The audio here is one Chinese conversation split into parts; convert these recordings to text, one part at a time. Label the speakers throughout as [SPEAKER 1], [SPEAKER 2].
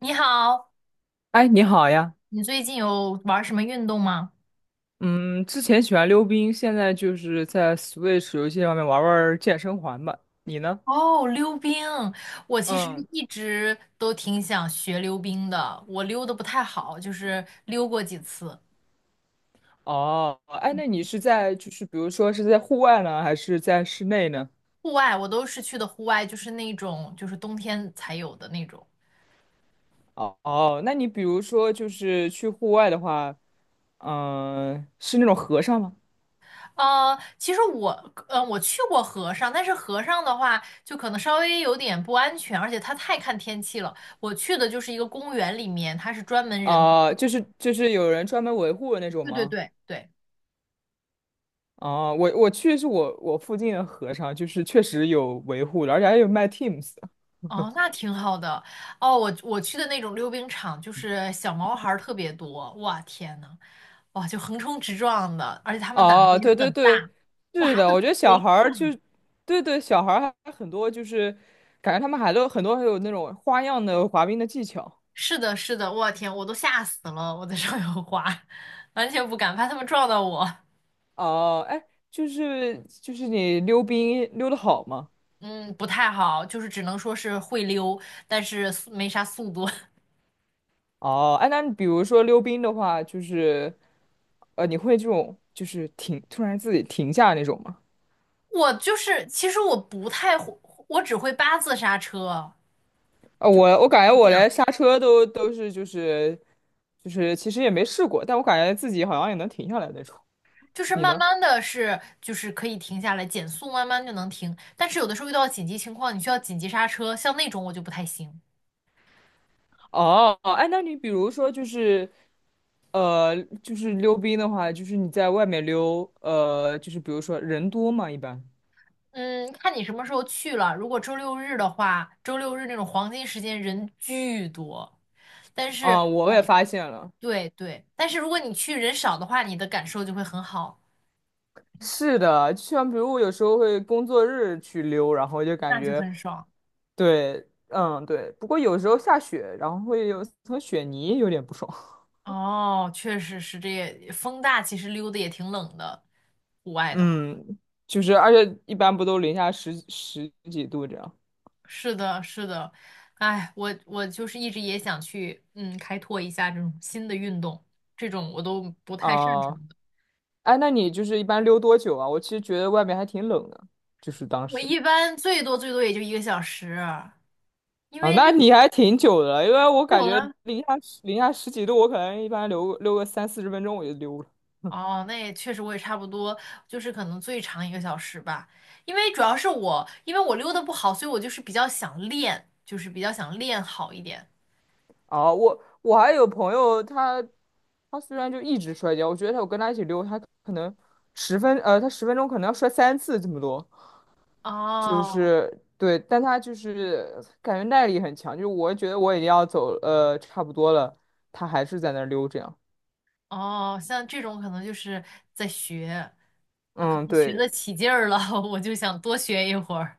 [SPEAKER 1] 你好，
[SPEAKER 2] 哎，你好呀。
[SPEAKER 1] 你最近有玩什么运动吗？
[SPEAKER 2] 嗯，之前喜欢溜冰，现在就是在 Switch 游戏上面玩玩健身环吧。你呢？
[SPEAKER 1] 哦，溜冰，我其实
[SPEAKER 2] 嗯，
[SPEAKER 1] 一直都挺想学溜冰的，我溜的不太好，就是溜过几次。
[SPEAKER 2] 哦，哎，那你是在就是比如说是在户外呢，还是在室内呢？
[SPEAKER 1] 户外我都是去的户外，就是那种就是冬天才有的那种。
[SPEAKER 2] 哦哦，那你比如说就是去户外的话，是那种和尚吗？
[SPEAKER 1] 其实我我去过河上，但是河上的话就可能稍微有点不安全，而且它太看天气了。我去的就是一个公园里面，它是专门人，
[SPEAKER 2] 啊，就是有人专门维护的那种
[SPEAKER 1] 对对
[SPEAKER 2] 吗？
[SPEAKER 1] 对对。
[SPEAKER 2] 哦，我去是我附近的和尚，就是确实有维护的，而且还有卖 Teams。
[SPEAKER 1] 哦，那挺好的。哦，我去的那种溜冰场，就是小毛孩儿特别多，哇天呐，哇就横冲直撞的，而且他们胆子
[SPEAKER 2] 哦，
[SPEAKER 1] 也
[SPEAKER 2] 对对
[SPEAKER 1] 很
[SPEAKER 2] 对，
[SPEAKER 1] 大，哇
[SPEAKER 2] 是
[SPEAKER 1] 滑
[SPEAKER 2] 的，
[SPEAKER 1] 的
[SPEAKER 2] 我觉得小
[SPEAKER 1] 贼
[SPEAKER 2] 孩
[SPEAKER 1] 快。
[SPEAKER 2] 儿就，对对，小孩儿还很多，就是感觉他们还都很多还有那种花样的滑冰的技巧。
[SPEAKER 1] 是的，是的，我天，我都吓死了，我在上面滑，完全不敢，怕他们撞到我。
[SPEAKER 2] 哦，哎，就是你溜冰溜得好吗？
[SPEAKER 1] 嗯，不太好，就是只能说是会溜，但是速没啥速度。
[SPEAKER 2] 哦，哎，那你比如说溜冰的话，就是你会这种就是停，突然自己停下那种吗？
[SPEAKER 1] 我就是，其实我不太会，我只会八字刹车，
[SPEAKER 2] 我感觉
[SPEAKER 1] 是这
[SPEAKER 2] 我
[SPEAKER 1] 样。
[SPEAKER 2] 连刹车都是就是其实也没试过，但我感觉自己好像也能停下来那种。
[SPEAKER 1] 就是
[SPEAKER 2] 你
[SPEAKER 1] 慢
[SPEAKER 2] 呢？
[SPEAKER 1] 慢的是，就是可以停下来，减速慢慢就能停。但是有的时候遇到紧急情况，你需要紧急刹车，像那种我就不太行。
[SPEAKER 2] 哦，哎，那你比如说就是，就是溜冰的话，就是你在外面溜，就是比如说人多嘛，一般
[SPEAKER 1] 嗯，看你什么时候去了。如果周六日的话，周六日那种黄金时间人巨多，但是
[SPEAKER 2] 啊，我也发现了，
[SPEAKER 1] 对对，但是如果你去人少的话，你的感受就会很好，
[SPEAKER 2] 是的，就像比如我有时候会工作日去溜，然后就感
[SPEAKER 1] 那就
[SPEAKER 2] 觉
[SPEAKER 1] 很爽。
[SPEAKER 2] 对，嗯，对，不过有时候下雪，然后会有层雪泥有点不爽。
[SPEAKER 1] 哦，确实是这也，风大其实溜的也挺冷的，户 外的话。
[SPEAKER 2] 嗯，就是而且一般不都零下十几度这样。
[SPEAKER 1] 是的，是的，哎，我就是一直也想去，嗯，开拓一下这种新的运动，这种我都不太擅长
[SPEAKER 2] 啊，
[SPEAKER 1] 的。
[SPEAKER 2] 哎，那你就是一般溜多久啊？我其实觉得外面还挺冷的，就是当
[SPEAKER 1] 我
[SPEAKER 2] 时。
[SPEAKER 1] 一般最多最多也就一个小时啊，因
[SPEAKER 2] 啊，
[SPEAKER 1] 为
[SPEAKER 2] 那你还挺久的了因为我
[SPEAKER 1] 遛
[SPEAKER 2] 感觉
[SPEAKER 1] 了。
[SPEAKER 2] 零下十几度，我可能一般溜个30到40分钟我就溜了。
[SPEAKER 1] 哦，那也确实，我也差不多，就是可能最长一个小时吧。因为主要是我，因为我溜的不好，所以我就是比较想练，就是比较想练好一点。
[SPEAKER 2] 啊，我还有朋友他，他虽然就一直摔跤，我觉得他我跟他一起溜，他可能他十分钟可能要摔3次这么多，就
[SPEAKER 1] 哦
[SPEAKER 2] 是对，但他就是感觉耐力很强，就是我觉得我已经要走差不多了，他还是在那儿溜这样。
[SPEAKER 1] 哦，像这种可能就是在学。
[SPEAKER 2] 嗯，
[SPEAKER 1] 学得
[SPEAKER 2] 对，
[SPEAKER 1] 起劲儿了，我就想多学一会儿。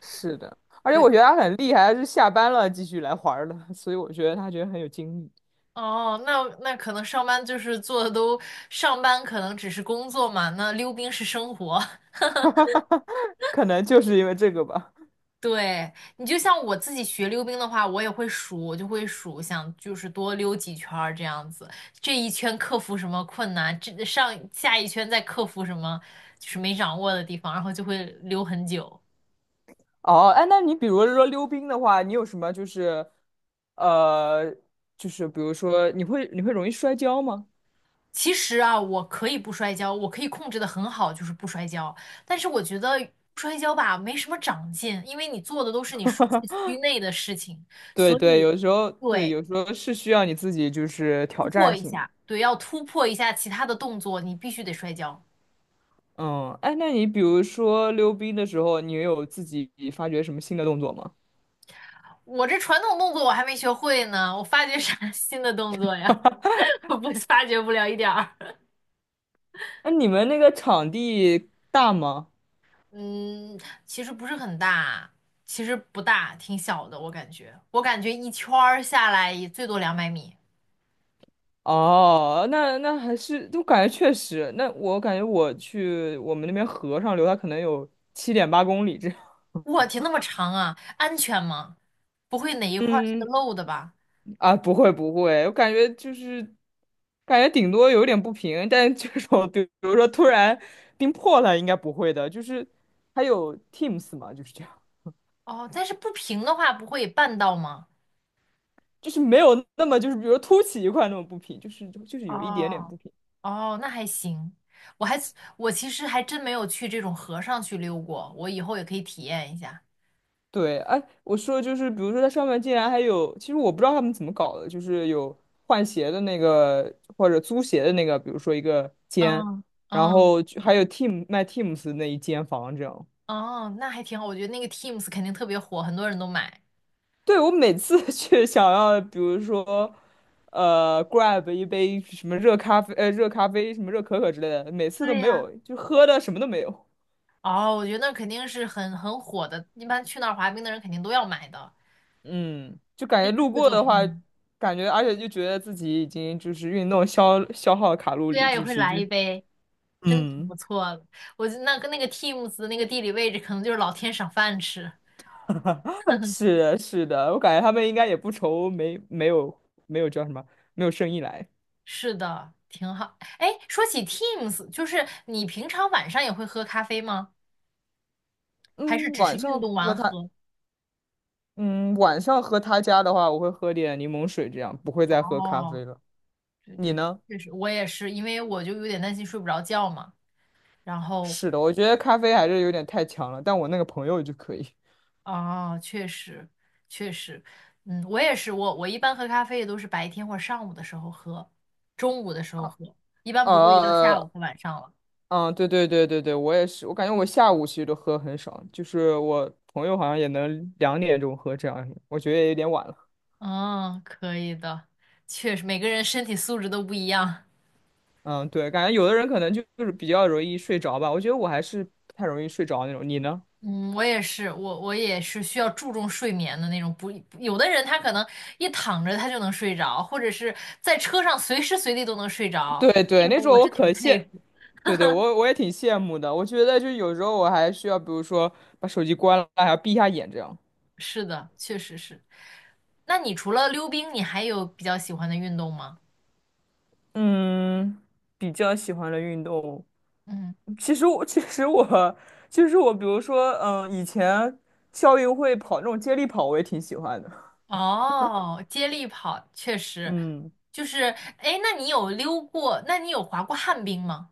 [SPEAKER 2] 是的，而且我
[SPEAKER 1] 对，
[SPEAKER 2] 觉得他很厉害，他是下班了继续来玩儿的，所以我觉得他觉得很有精力，
[SPEAKER 1] 哦，那那可能上班就是做的都，上班可能只是工作嘛，那溜冰是生活。
[SPEAKER 2] 可能就是因为这个吧。
[SPEAKER 1] 对，你就像我自己学溜冰的话，我也会数，我就会数，想就是多溜几圈儿这样子，这一圈克服什么困难，这上下一圈再克服什么就是没掌握的地方，然后就会溜很久。
[SPEAKER 2] 哦，哎，那你比如说溜冰的话，你有什么就是，呃，就是比如说你会容易摔跤吗？
[SPEAKER 1] 其实啊，我可以不摔跤，我可以控制的很好，就是不摔跤。但是我觉得不摔跤吧，没什么长进，因为你做的都是你舒适区内的事情，
[SPEAKER 2] 对
[SPEAKER 1] 所
[SPEAKER 2] 对，
[SPEAKER 1] 以
[SPEAKER 2] 有时候对，
[SPEAKER 1] 对，
[SPEAKER 2] 有时候是需要你自己就是挑
[SPEAKER 1] 突破
[SPEAKER 2] 战
[SPEAKER 1] 一
[SPEAKER 2] 性的。
[SPEAKER 1] 下，对，要突破一下其他的动作，你必须得摔跤。
[SPEAKER 2] 嗯，哎，那你比如说溜冰的时候，你有自己发掘什么新的动作吗？
[SPEAKER 1] 我这传统动作我还没学会呢，我发掘啥 新的动作呀？我不发掘不了一点儿。
[SPEAKER 2] 那你们那个场地大吗？
[SPEAKER 1] 嗯，其实不是很大，其实不大，挺小的，我感觉，我感觉一圈儿下来也最多200米。
[SPEAKER 2] 哦，那还是，就感觉确实，那我感觉我去我们那边河上流，它可能有7.8公里这样。
[SPEAKER 1] 我天，那么长啊，安全吗？不会哪一块儿是个
[SPEAKER 2] 嗯，
[SPEAKER 1] 漏的吧？
[SPEAKER 2] 啊，不会不会，我感觉就是感觉顶多有点不平，但这种比如说突然冰破了，应该不会的。就是还有 Teams 嘛，就是这样，
[SPEAKER 1] 哦，但是不平的话不会绊到吗？
[SPEAKER 2] 就是没有那么就是比如说凸起一块那么不平，就是有一点点
[SPEAKER 1] 哦
[SPEAKER 2] 不平。
[SPEAKER 1] 哦，那还行。我还我其实还真没有去这种河上去溜过，我以后也可以体验一下。
[SPEAKER 2] 对，哎，我说就是，比如说它上面竟然还有，其实我不知道他们怎么搞的，就是有换鞋的那个或者租鞋的那个，比如说一个间，
[SPEAKER 1] 嗯
[SPEAKER 2] 然
[SPEAKER 1] 嗯
[SPEAKER 2] 后就还有 Team 卖 Teams 的那一间房这样。
[SPEAKER 1] 哦，那还挺好。我觉得那个 Teams 肯定特别火，很多人都买。
[SPEAKER 2] 对，我每次 去想要，比如说，grab 一杯什么热咖啡，什么热可可之类的，每次都
[SPEAKER 1] 对
[SPEAKER 2] 没
[SPEAKER 1] 呀，
[SPEAKER 2] 有，就喝的什么都没有。
[SPEAKER 1] 哦，我觉得那肯定是很火的，一般去那儿滑冰的人肯定都要买的，
[SPEAKER 2] 嗯，就感
[SPEAKER 1] 真
[SPEAKER 2] 觉
[SPEAKER 1] 是
[SPEAKER 2] 路
[SPEAKER 1] 会
[SPEAKER 2] 过
[SPEAKER 1] 做
[SPEAKER 2] 的
[SPEAKER 1] 生
[SPEAKER 2] 话，
[SPEAKER 1] 意。
[SPEAKER 2] 感觉而且就觉得自己已经就是运动消耗卡路
[SPEAKER 1] 对
[SPEAKER 2] 里，
[SPEAKER 1] 呀，也
[SPEAKER 2] 就
[SPEAKER 1] 会
[SPEAKER 2] 是
[SPEAKER 1] 来
[SPEAKER 2] 这。
[SPEAKER 1] 一杯。真的挺
[SPEAKER 2] 嗯，
[SPEAKER 1] 不错的。我就那跟那个 Teams 的那个地理位置，可能就是老天赏饭吃。
[SPEAKER 2] 是的，是的，我感觉他们应该也不愁没有没有叫什么没有生意来。
[SPEAKER 1] 是的，挺好。哎，说起 Teams，就是你平常晚上也会喝咖啡吗？还是
[SPEAKER 2] 嗯，
[SPEAKER 1] 只是
[SPEAKER 2] 晚
[SPEAKER 1] 运
[SPEAKER 2] 上
[SPEAKER 1] 动
[SPEAKER 2] 喝
[SPEAKER 1] 完
[SPEAKER 2] 他，
[SPEAKER 1] 喝？
[SPEAKER 2] 嗯，晚上喝他家的话，我会喝点柠檬水，这样不会再喝咖
[SPEAKER 1] 哦，
[SPEAKER 2] 啡了。
[SPEAKER 1] 对
[SPEAKER 2] 你
[SPEAKER 1] 对对，
[SPEAKER 2] 呢？
[SPEAKER 1] 确实，我也是，因为我就有点担心睡不着觉嘛。然后，
[SPEAKER 2] 是的，我觉得咖啡还是有点太强了，但我那个朋友就可以。
[SPEAKER 1] 哦，确实，确实，嗯，我也是，我一般喝咖啡也都是白天或者上午的时候喝，中午的时候喝，一般不会到下午
[SPEAKER 2] 呃，
[SPEAKER 1] 和晚上了。
[SPEAKER 2] 嗯，对对对对对，我也是，我感觉我下午其实都喝很少，就是我朋友好像也能2点钟喝这样，我觉得也有点晚了。
[SPEAKER 1] 哦，可以的，确实每个人身体素质都不一样。
[SPEAKER 2] 嗯，对，感觉有的人可能就是比较容易睡着吧。我觉得我还是不太容易睡着那种。你呢？
[SPEAKER 1] 嗯，我也是，我也是需要注重睡眠的那种不。有的人他可能一躺着他就能睡着，或者是在车上随时随地都能睡着，
[SPEAKER 2] 对对，
[SPEAKER 1] 这
[SPEAKER 2] 那
[SPEAKER 1] 种
[SPEAKER 2] 种
[SPEAKER 1] 我
[SPEAKER 2] 我
[SPEAKER 1] 是挺
[SPEAKER 2] 可
[SPEAKER 1] 佩
[SPEAKER 2] 羡，
[SPEAKER 1] 服。
[SPEAKER 2] 对对，我也挺羡慕的。我觉得就有时候我还需要，比如说把手机关了，还要闭一下眼这样。
[SPEAKER 1] 是的，确实是。那你除了溜冰，你还有比较喜欢的运动吗？
[SPEAKER 2] 嗯，比较喜欢的运动，
[SPEAKER 1] 嗯，
[SPEAKER 2] 其实我就是我，比如说，以前校运会跑那种接力跑，我也挺喜欢的。
[SPEAKER 1] 哦，接力跑确实
[SPEAKER 2] 嗯，
[SPEAKER 1] 就是，哎，那你有溜过？那你有滑过旱冰吗？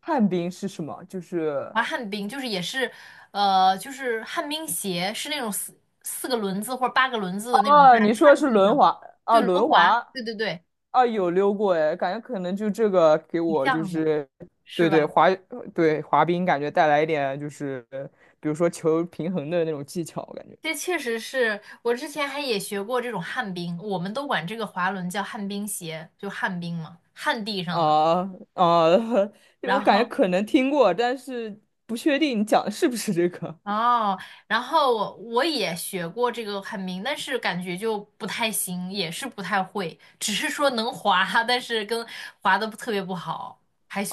[SPEAKER 2] 旱冰是什么？就是
[SPEAKER 1] 滑旱冰就是也是，就是旱冰鞋是那种四个轮子或者八个轮子的那种，在
[SPEAKER 2] 哦，你说的
[SPEAKER 1] 旱
[SPEAKER 2] 是
[SPEAKER 1] 地
[SPEAKER 2] 轮
[SPEAKER 1] 上，
[SPEAKER 2] 滑。
[SPEAKER 1] 对，
[SPEAKER 2] 啊，
[SPEAKER 1] 轮
[SPEAKER 2] 轮
[SPEAKER 1] 滑，
[SPEAKER 2] 滑。
[SPEAKER 1] 对对对，
[SPEAKER 2] 啊，有溜过哎，感觉可能就这个给
[SPEAKER 1] 挺
[SPEAKER 2] 我就
[SPEAKER 1] 像的，
[SPEAKER 2] 是，
[SPEAKER 1] 是
[SPEAKER 2] 对对
[SPEAKER 1] 吧？
[SPEAKER 2] 滑冰感觉带来一点就是，比如说求平衡的那种技巧，我感觉
[SPEAKER 1] 这确实是我之前还也学过这种旱冰，我们都管这个滑轮叫旱冰鞋，就旱冰嘛，旱地上的。
[SPEAKER 2] 啊啊。对我
[SPEAKER 1] 然
[SPEAKER 2] 感觉
[SPEAKER 1] 后
[SPEAKER 2] 可能听过，但是不确定你讲的是不是这个。
[SPEAKER 1] 哦，然后我也学过这个旱冰，但是感觉就不太行，也是不太会，只是说能滑，但是跟滑的特别不好。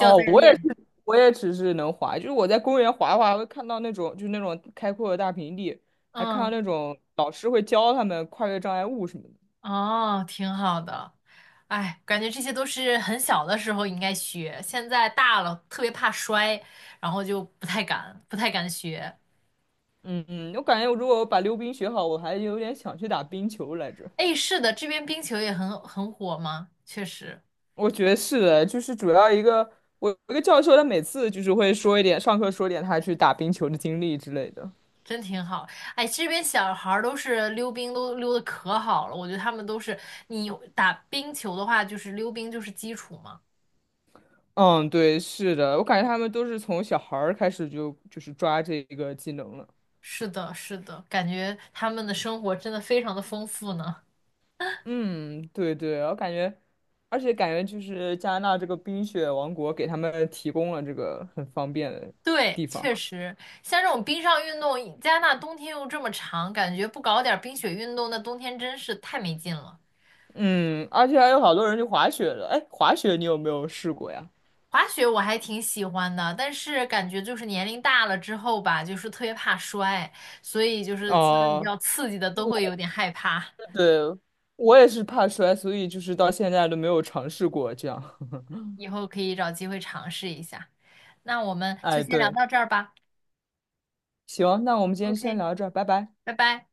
[SPEAKER 1] 要
[SPEAKER 2] 我也是，
[SPEAKER 1] 练。
[SPEAKER 2] 我也只是能滑，就是我在公园滑滑会看到那种就是那种开阔的大平地，还看到
[SPEAKER 1] 嗯，
[SPEAKER 2] 那种老师会教他们跨越障碍物什么的。
[SPEAKER 1] 哦，挺好的。哎，感觉这些都是很小的时候应该学，现在大了特别怕摔，然后就不太敢，不太敢学。
[SPEAKER 2] 嗯嗯，我感觉我如果我把溜冰学好，我还有点想去打冰球来着。
[SPEAKER 1] 哎，是的，这边冰球也很火吗？确实，
[SPEAKER 2] 我觉得是的，就是主要一个我有一个教授，他每次就是会说一点，上课说点他去打冰球的经历之类的。
[SPEAKER 1] 真挺好。哎，这边小孩儿都是溜冰都溜的可好了，我觉得他们都是，你打冰球的话，就是溜冰就是基础嘛。
[SPEAKER 2] 嗯，对，是的，我感觉他们都是从小孩儿开始就是抓这个技能了。
[SPEAKER 1] 是的，是的，感觉他们的生活真的非常的丰富呢。
[SPEAKER 2] 嗯，对对，我感觉，而且感觉就是加拿大这个冰雪王国给他们提供了这个很方便的
[SPEAKER 1] 对，
[SPEAKER 2] 地方。
[SPEAKER 1] 确实，像这种冰上运动，加拿大冬天又这么长，感觉不搞点儿冰雪运动，那冬天真是太没劲了。
[SPEAKER 2] 嗯，而且还有好多人去滑雪的。哎，滑雪你有没有试过呀？
[SPEAKER 1] 滑雪我还挺喜欢的，但是感觉就是年龄大了之后吧，就是特别怕摔，所以就是这种比
[SPEAKER 2] 哦，
[SPEAKER 1] 较刺激的都会有点害怕。
[SPEAKER 2] 对，我也是怕摔，所以就是到现在都没有尝试过这样。
[SPEAKER 1] 以后可以找机会尝试一下。那我们就
[SPEAKER 2] 哎，
[SPEAKER 1] 先聊
[SPEAKER 2] 对，
[SPEAKER 1] 到这儿吧。
[SPEAKER 2] 行，那我们今天先
[SPEAKER 1] OK，
[SPEAKER 2] 聊到这儿，拜拜。
[SPEAKER 1] 拜拜。